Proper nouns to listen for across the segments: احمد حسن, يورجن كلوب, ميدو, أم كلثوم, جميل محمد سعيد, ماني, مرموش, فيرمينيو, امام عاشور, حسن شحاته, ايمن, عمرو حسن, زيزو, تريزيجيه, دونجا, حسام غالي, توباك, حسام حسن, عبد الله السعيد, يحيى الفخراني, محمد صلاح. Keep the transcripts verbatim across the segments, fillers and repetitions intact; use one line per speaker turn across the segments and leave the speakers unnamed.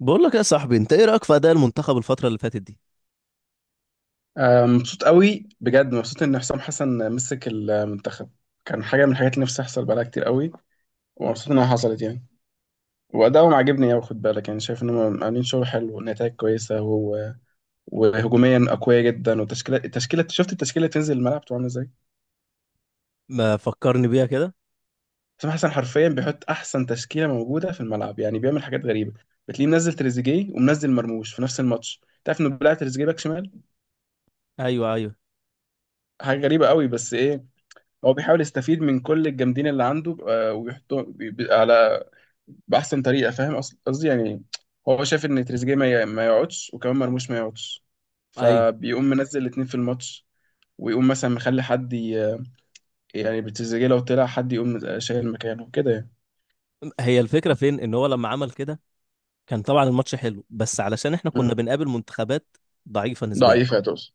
بقول لك يا صاحبي، انت ايه رايك في اداء المنتخب الفتره اللي فاتت دي؟
آه، مبسوط قوي بجد مبسوط ان حسام حسن مسك المنتخب. كان حاجه من الحاجات اللي نفسي تحصل بقالها كتير قوي. ومبسوط انها حصلت يعني. وادائهم عاجبني قوي. خد بالك يعني شايف انهم عاملين شغل حلو ونتائج كويسه. و... وهجوميا اقوياء جدا. وتشكيله التشكيله شفت التشكيله اللي تنزل الملعب بتبقى عامله ازاي.
ما فكرني بيها كده.
حسام حسن حرفيا بيحط احسن تشكيله موجوده في الملعب، يعني بيعمل حاجات غريبه. بتلاقيه منزل تريزيجيه ومنزل مرموش في نفس الماتش. تعرف انه بيلعب تريزيجيه باك شمال،
ايوه، ايوه،
حاجه غريبه قوي. بس ايه، هو بيحاول يستفيد من كل الجامدين اللي عنده، آه، ويحطهم بي- بي- على بأحسن طريقة. فاهم أص- قصدي يعني. هو شايف إن تريزيجيه ما ي- ما يقعدش وكمان مرموش ما يقعدش،
ايوه.
فبيقوم منزل الاتنين في الماتش. ويقوم مثلا مخلي حد ي- يعني بتريزيجيه لو طلع حد يقوم شايل مكانه كده يعني.
هي الفكره فين ان هو لما عمل كده؟ كان طبعا الماتش حلو، بس علشان احنا كنا
مم.
بنقابل منتخبات ضعيفه نسبيا.
ضعيف يا توس.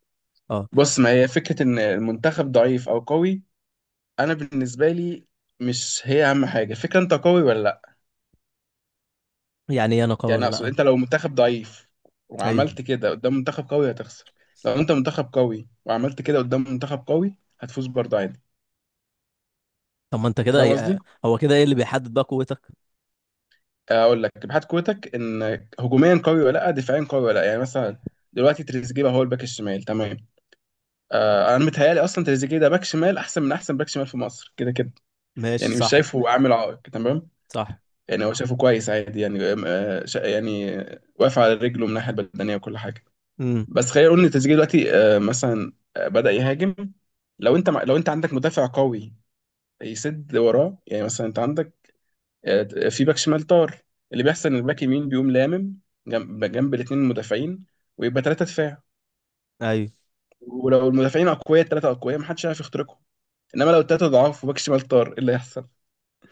اه.
بص، ما هي فكرة إن المنتخب ضعيف أو قوي. أنا بالنسبة لي مش هي أهم حاجة فكرة أنت قوي ولا لأ.
يعني ايه انا قوي
يعني
ولا
اقصد،
لا؟
انت لو منتخب ضعيف وعملت
ايوه.
كده قدام منتخب قوي هتخسر. لو انت منتخب قوي وعملت كده قدام منتخب قوي هتفوز برضه عادي.
طب ما انت
انت
كده
فاهم قصدي.
ايه، هو كده ايه اللي بيحدد بقى قوتك؟
اقول لك ابحاث قوتك، ان هجوميا قوي ولا لا، دفاعيا قوي ولا لا. يعني مثلا دلوقتي تريزيجيه هو الباك الشمال، تمام؟ آه، انا متهيالي اصلا تريزيجيه ده باك شمال احسن من احسن باك شمال في مصر كده كده.
ماشي،
يعني مش
صح.
شايفه عامل عائق، تمام.
صح.
يعني هو شايفه كويس عادي يعني. آه شا- يعني واقف على رجله من الناحيه البدنيه وكل حاجه.
امم.
بس خلينا نقول ان تريزيجيه دلوقتي، آه، مثلا، آه، بدأ يهاجم. لو انت مع- لو انت عندك مدافع قوي يسد وراه. يعني مثلا انت عندك، آه، في باك شمال طار. اللي بيحصل ان الباك يمين بيقوم لامم جنب جنب الاثنين المدافعين، ويبقى ثلاثه دفاع.
ايوه.
ولو المدافعين اقوياء، الثلاثه اقوياء، محدش هيعرف يخترقهم. انما لو الثلاثه ضعاف وباك شمال طار، ايه اللي هيحصل؟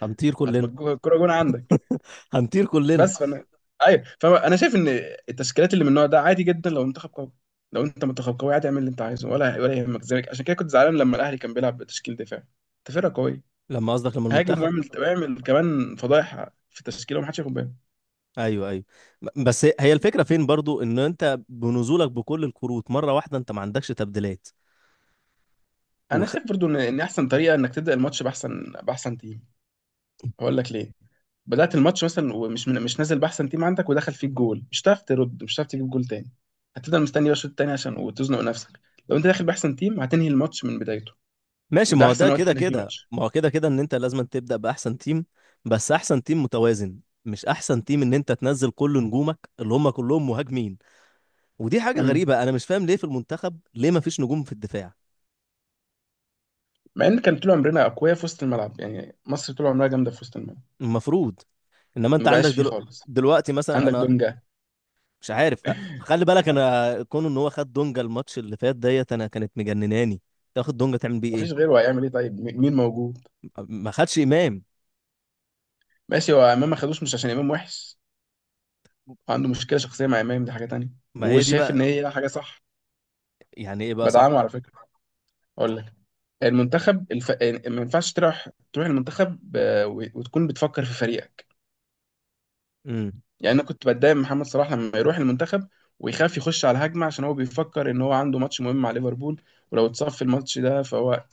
هنطير كلنا.
هتبقى الكوره جون عندك.
هنطير كلنا.
بس فانا ايوه، فانا شايف ان التشكيلات اللي من النوع ده عادي جدا لو منتخب قوي. لو انت منتخب قوي عادي اعمل اللي انت عايزه، ولا ولا يهمك ذلك. عشان كده كنت زعلان لما الاهلي كان بيلعب بتشكيل دفاعي. انت فرقه قويه،
لما قصدك لما
هاجم
المنتخب.
واعمل واعمل كمان فضايح في التشكيله ومحدش ياخد باله.
ايوه، ايوه. ب- بس هي الفكره فين برضو ان انت بنزولك بكل الكروت مره واحده انت ما عندكش تبديلات
انا
وخ...
شايف برضو ان ان احسن طريقه انك تبدا الماتش باحسن باحسن تيم. هقول لك ليه. بدات الماتش مثلا ومش من... مش نازل باحسن تيم عندك، ودخل فيك جول، مش هتعرف ترد، مش هتعرف تجيب جول تاني. هتفضل مستني بقى الشوط التاني عشان وتزنق نفسك. لو انت داخل باحسن تيم هتنهي الماتش من بدايته.
ماشي. ما
وده
هو
احسن
ده
وقت
كده
اللي فيه
كده
ماتش.
ما هو كده كده ان انت لازم تبدا باحسن تيم، بس احسن تيم متوازن، مش احسن تيم ان انت تنزل كل نجومك اللي هم كلهم مهاجمين. ودي حاجه
امم.
غريبه، انا مش فاهم ليه في المنتخب ليه ما فيش نجوم في الدفاع.
مع ان كان طول عمرنا اقوياء في وسط الملعب، يعني مصر طول عمرها جامده في وسط الملعب.
المفروض. انما انت
ما
عندك
بقاش فيه
دلو...
خالص.
دلوقتي مثلا
عندك
انا
دونجا،
مش عارف أ- خلي بالك انا كون ان هو خد دونجا الماتش اللي فات ديت انا كانت مجنناني. تاخد دونجا تعمل بيه ايه؟
مفيش غيره هيعمل ايه؟ طيب م- مين موجود؟
ما خدش امام.
ماشي. هو امام ما خدوش مش عشان امام وحش، وعنده مشكله شخصيه مع امام، دي حاجه تانية.
ما هي دي
وشايف ان
بقى.
هي حاجه صح.
يعني ايه بقى
بدعمه
صح؟
على فكره. اقول لك، المنتخب الف... ما ينفعش تروح تروح المنتخب ب... وتكون بتفكر في فريقك.
امم.
يعني انا كنت بتضايق من محمد صلاح لما يروح المنتخب ويخاف يخش على هجمه، عشان هو بيفكر ان هو عنده ماتش مهم مع ليفربول، ولو اتصاب في الماتش ده فهو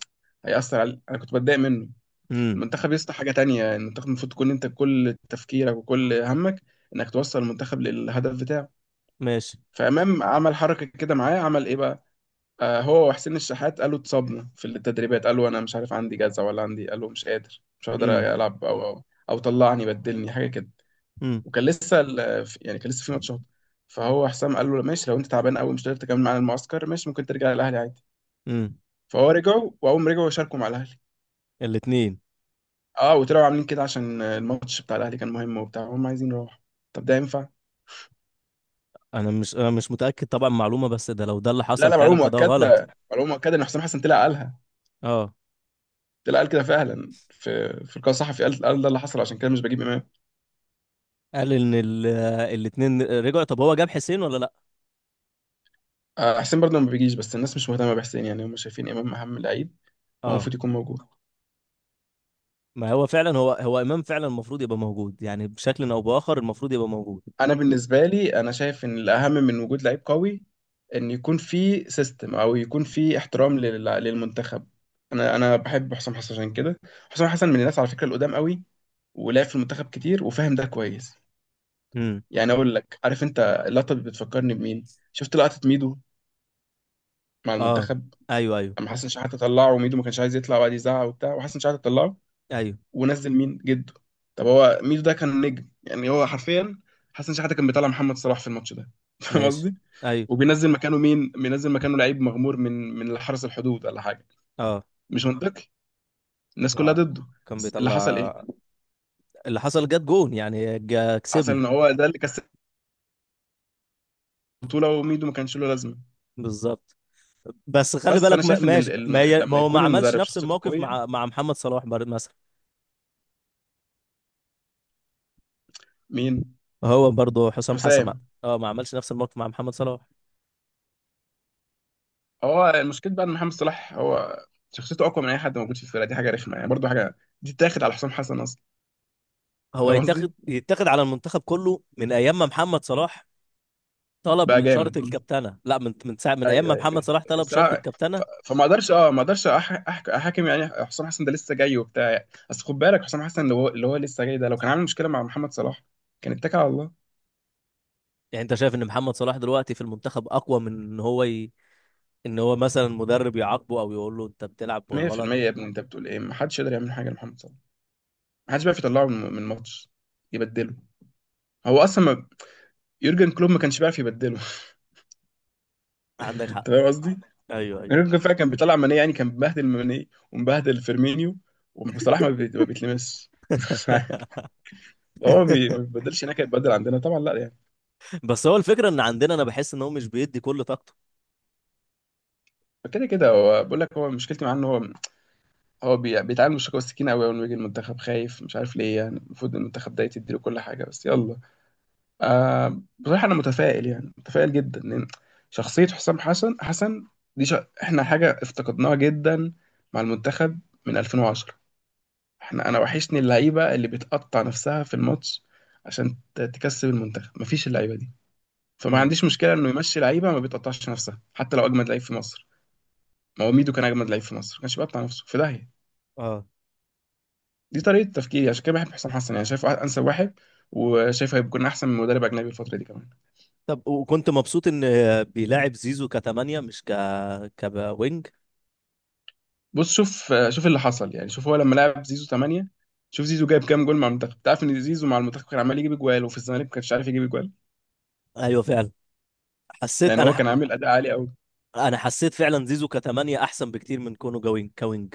هيأثر على، انا كنت بتضايق منه.
امم.
المنتخب يسطا حاجه تانية. المنتخب المفروض تكون انت كل تفكيرك وكل همك انك توصل المنتخب للهدف بتاعه.
ماشي.
فامام عمل حركه كده معاه، عمل ايه بقى؟ آه، هو وحسين الشحات قالوا اتصابنا في التدريبات. قالوا انا مش عارف عندي جزع ولا عندي، قالوا مش قادر مش هقدر
امم،
العب او او او طلعني بدلني حاجه كده.
امم،
وكان لسه ال- يعني كان لسه في ماتشات. فهو حسام قال له ماشي لو انت تعبان قوي مش قادر تكمل معانا المعسكر، ماشي ممكن ترجع الاهلي عادي.
امم.
فهو رجعوا، واول ما رجعوا شاركوا مع الاهلي.
الاثنين.
اه، وطلعوا عاملين كده عشان الماتش بتاع الاهلي كان مهم، وبتاع هم عايزين يروحوا. طب ده ينفع؟
انا مش انا مش متاكد طبعا معلومه، بس ده لو ده اللي
لا
حصل
لا، معلومه
فعلا فده غلط.
مؤكده، معلومه مؤكده ان حسام حسن طلع قالها.
اه.
طلع قال كده فعلا في في لقاء صحفي، قال قال ده اللي حصل عشان كده مش بجيب امام.
قال ان الاثنين رجعوا. طب هو جاب حسين ولا لا؟
آه، حسين برضه ما بيجيش، بس الناس مش مهتمه بحسين، يعني هم شايفين امام اهم لعيب. هو
اه.
المفروض يكون موجود.
ما هو فعلا، هو هو امام فعلا المفروض يبقى موجود، يعني بشكل او باخر المفروض يبقى موجود.
انا بالنسبه لي، انا شايف ان الاهم من وجود لعيب قوي، ان يكون في سيستم او يكون في احترام لل- للمنتخب. انا انا بحب حسام حسن عشان كده. حسام حسن من الناس على فكره القدام قوي، ولعب في المنتخب كتير وفاهم ده كويس.
امم.
يعني اقول لك، عارف انت اللقطه دي بتفكرني بمين؟ شفت لقطه ميدو مع
اه.
المنتخب،
ايوه، ايوه.
اما حسن شحاته طلعه وميدو ما كانش عايز يطلع، وقعد يزعق وبتاع، وحسن شحاته طلعه
ايوه.
ونزل مين جده. طب هو ميدو ده كان نجم، يعني هو حرفيا حسن شحاته كان بيطلع محمد صلاح في الماتش ده فاهم
ماشي.
قصدي.
ايوه.
وبينزل مكانه مين؟ بينزل مكانه لعيب مغمور من من حرس الحدود ولا حاجه.
اه.
مش منطقي، الناس كلها
آه.
ضده.
كان
بس اللي حصل
بيطلع.
ايه؟
اللي حصل جت جون، يعني جا-
حصل
كسبنا.
ان هو ده اللي كسب البطوله، وميدو ما كانش له لازمه.
بالظبط. بس خلي
بس فانا
بالك، ما-
شايف ان ال-
ماشي، ما
ال-
هي ما
لما
هو ما
يكون
عملش
المدرب
نفس
شخصيته
الموقف
قويه.
مع مع محمد صلاح، بر- مثلا.
مين؟
هو برضه حسام حسن.
حسام.
اه، ما عملش نفس الموقف مع محمد صلاح.
هو المشكله بقى ان محمد صلاح هو شخصيته اقوى من اي حد موجود في الفرقه، دي حاجه رخمه يعني برضه، حاجه دي تاخد على حسام حسن اصلا.
هو
فاهم قصدي؟
يتاخد يتاخد على المنتخب كله من ايام ما محمد صلاح
بقى
طلب شرط
جامد.
الكابتنه، لا، من من ساعه من ايام ما
ايوه
محمد
ايوه،
صلاح طلب شرط
الصراحه. ف-
الكابتنه.
فما اقدرش، اه ما اقدرش أح- أح- احاكم يعني حسام حسن، ده لسه جاي وبتاع يعني. اصل خد بالك حسام حسن اللي هو اللي هو لسه جاي ده لو كان عامل مشكله مع محمد صلاح كان اتكل على الله.
يعني انت شايف ان محمد صلاح دلوقتي في المنتخب اقوى من ان هو ي... ان هو مثلا مدرب يعاقبه او يقول له انت بتلعب غلط؟
ميه في الميه يا ابني انت بتقول ايه؟ ما حدش يقدر يعمل حاجه لمحمد صلاح. ما حدش بيعرف يطلعه من من الماتش يبدله. هو اصلا ما... يورجن كلوب ما كانش بيعرف يبدله
عندك حق.
انت فاهم قصدي؟
ايوه، ايوه.
يورجن فعلا كان بيطلع ماني، يعني كان بيبهدل ماني ومبهدل فيرمينيو، وصلاح ما, بي... ما بيتلمسش مش عارف. هو بي... ما بيبدلش هناك هيتبدل عندنا، طبعا لا يعني.
بس هو الفكرة ان عندنا انا بحس ان هو مش بيدي كل طاقته.
كده كده هو بقول لك، هو مشكلتي معاه ان هو، هو بي- بيتعامل من الشكوى السكينه قوي، اول ما يجي المنتخب خايف مش عارف ليه، يعني المفروض المنتخب ده يتديله كل حاجه بس يلا. آه، بصراحه انا متفائل، يعني متفائل جدا ان شخصيه حسام حسن حسن دي ش... احنا حاجه افتقدناها جدا مع المنتخب من الفين وعشرة. احنا انا وحشني اللعيبه اللي بتقطع نفسها في الماتش عشان ت- تكسب المنتخب، مفيش اللعيبه دي. فما
امم.
عنديش مشكله انه يمشي لعيبه ما بتقطعش نفسها حتى لو اجمد لعيب في مصر. ما هو ميدو كان اجمد لعيب في مصر، ما كانش بيقطع نفسه في داهيه.
اه.
دي طريقة تفكيري، عشان كده بحب حسام حسن، يعني شايفه أنسب واحد وشايف هيكون أحسن من مدرب أجنبي الفترة دي كمان.
طب وكنت مبسوط ان بيلاعب زيزو كتمانية مش ك كوينج؟
بص شوف شوف اللي حصل، يعني شوف هو لما لعب زيزو تمانية، شوف زيزو جايب كام جول مع المنتخب. تعرف إن زيزو مع المنتخب كان عمال يجيب أجوال، وفي الزمالك ما كانش عارف يجيب أجوال.
ايوه، فعلا. حسيت
يعني هو
انا.
كان عامل أداء عالي أوي.
انا حسيت فعلا زيزو كتمانية احسن بكتير من كونه جوينج كوينج.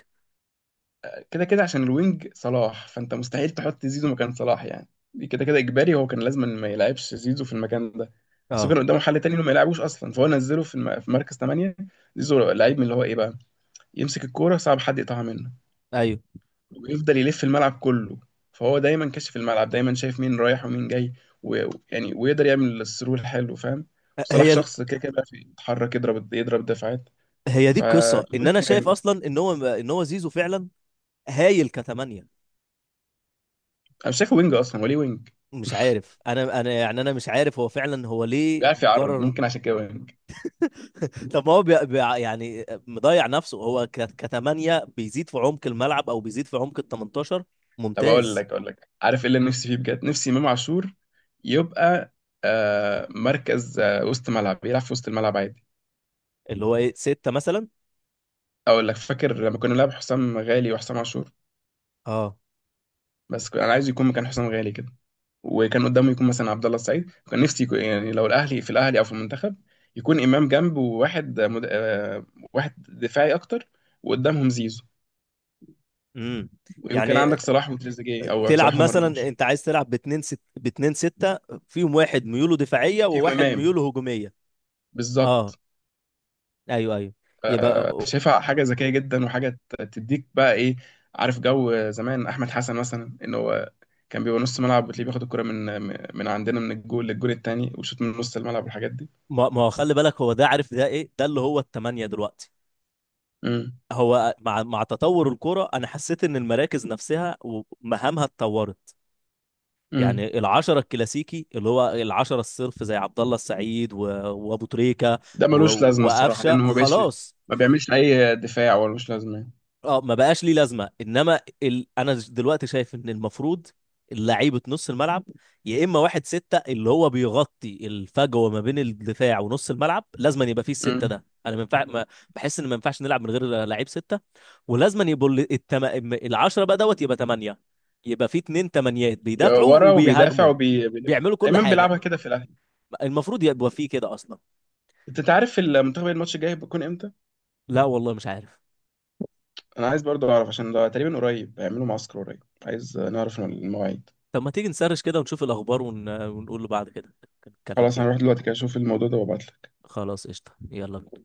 كده كده عشان الوينج صلاح، فأنت مستحيل تحط زيزو مكان صلاح يعني. دي كده كده إجباري، هو كان لازم ما يلعبش زيزو في المكان ده. بس هو
اه.
كان قدامه حل تاني إنه ما يلعبوش أصلا، فهو نزله في الم- في مركز تمانية. زيزو لعيب من اللي هو إيه بقى، يمسك الكورة صعب حد يقطعها منه،
ايوه.
ويفضل يلف الملعب كله، فهو دايما كاشف الملعب، دايما شايف مين رايح ومين جاي. ويعني ويقدر يعمل الثرو الحلو، فاهم؟ وصلاح
هي ال-
شخص كده كده بيعرف يتحرك يضرب يضرب دفاعات.
هي دي القصة ان انا
فدويتو
شايف
جامد.
اصلا ان هو ان هو زيزو فعلا هايل كتمانية.
انا مش شايفه وينج اصلا، وليه وينج؟
مش عارف، انا انا يعني انا مش عارف هو فعلا هو ليه
بيعرف يعرض،
مقرر.
ممكن عشان كده وينج.
طب ما هو بي... بي... يعني مضيع نفسه هو ك... كتمانية بيزيد في عمق الملعب او بيزيد في عمق ال تمنتاشر.
طب اقول
ممتاز.
لك، اقول لك عارف ايه اللي نفسي فيه بجد؟ نفسي امام عاشور يبقى، آه مركز، آه وسط ملعب، يلعب في وسط الملعب عادي.
اللي هو ايه، ستة مثلا؟
اقول لك فاكر لما كنا بنلعب حسام غالي وحسام عاشور.
اه.
بس ك- انا عايز يكون مكان حسام غالي كده، وكان قدامه يكون مثلا عبد الله السعيد. كان نفسي يكون يعني لو الاهلي، في الاهلي او في المنتخب، يكون امام جنبه وواحد مد... آه، واحد دفاعي اكتر، وقدامهم زيزو.
امم.
وكان
يعني
عندك صلاح وتريزيجيه او
تلعب
صلاح
مثلا
ومرموش.
انت عايز تلعب باتنين ست باتنين ستة فيهم واحد ميوله دفاعية
فيهم
وواحد
امام.
ميوله هجومية. اه.
بالظبط.
ايوه، ايوه. يبقى.
شايفها حاجه ذكيه جدا، وحاجه ت- تديك بقى ايه. عارف جو زمان احمد حسن مثلا ان هو كان بيبقى نص ملعب، وتلاقيه بياخد الكرة من من عندنا من الجول للجول التاني، وشوط من نص الملعب والحاجات دي.
ما ما هو خلي بالك هو ده عارف ده ايه، ده اللي هو التمانية دلوقتي.
امم.
هو مع مع تطور الكرة انا حسيت ان المراكز نفسها ومهامها اتطورت.
امم.
يعني العشرة الكلاسيكي اللي هو العشرة الصرف زي عبد الله السعيد و... وابو تريكة
ده
و...
ملوش لازمه الصراحه
وقفشه
لانه ما بقتش،
خلاص.
ما بيعملش اي دفاع، ولا ملوش لازمه يعني.
اه، ما بقاش ليه لازمة. انما ال... انا دلوقتي شايف ان المفروض لعيبة نص الملعب، يا اما واحد ستة اللي هو بيغطي الفجوة ما بين الدفاع ونص الملعب، لازم أن يبقى فيه الستة
امم.
ده. انا ما ينفع ما- بحس ان ما ينفعش نلعب من غير لعيب ستة. ولازم أن يبقوا ال- التم... العشرة بقى دوت يبقى تمانية، يبقى فيه اتنين تمانيات
يا
بيدافعوا
ورا وبيدافع
وبيهاجموا،
وبي بي-
بيعملوا كل
ايمن
حاجة.
بيلعبها كده في الاهلي.
المفروض يبقى فيه كده اصلا.
انت انت عارف المنتخب الماتش الجاي بيكون امتى؟
لا والله، مش عارف.
انا عايز برضو اعرف عشان ده تقريبا قريب، هيعملوا معسكر قريب، عايز نعرف المواعيد.
طب ما تيجي نسرش كده ونشوف الاخبار ون... ونقول له بعد كده نتكلم
خلاص
فيها.
هنروح دلوقتي كده اشوف الموضوع ده وابعت.
خلاص قشطة، يلا.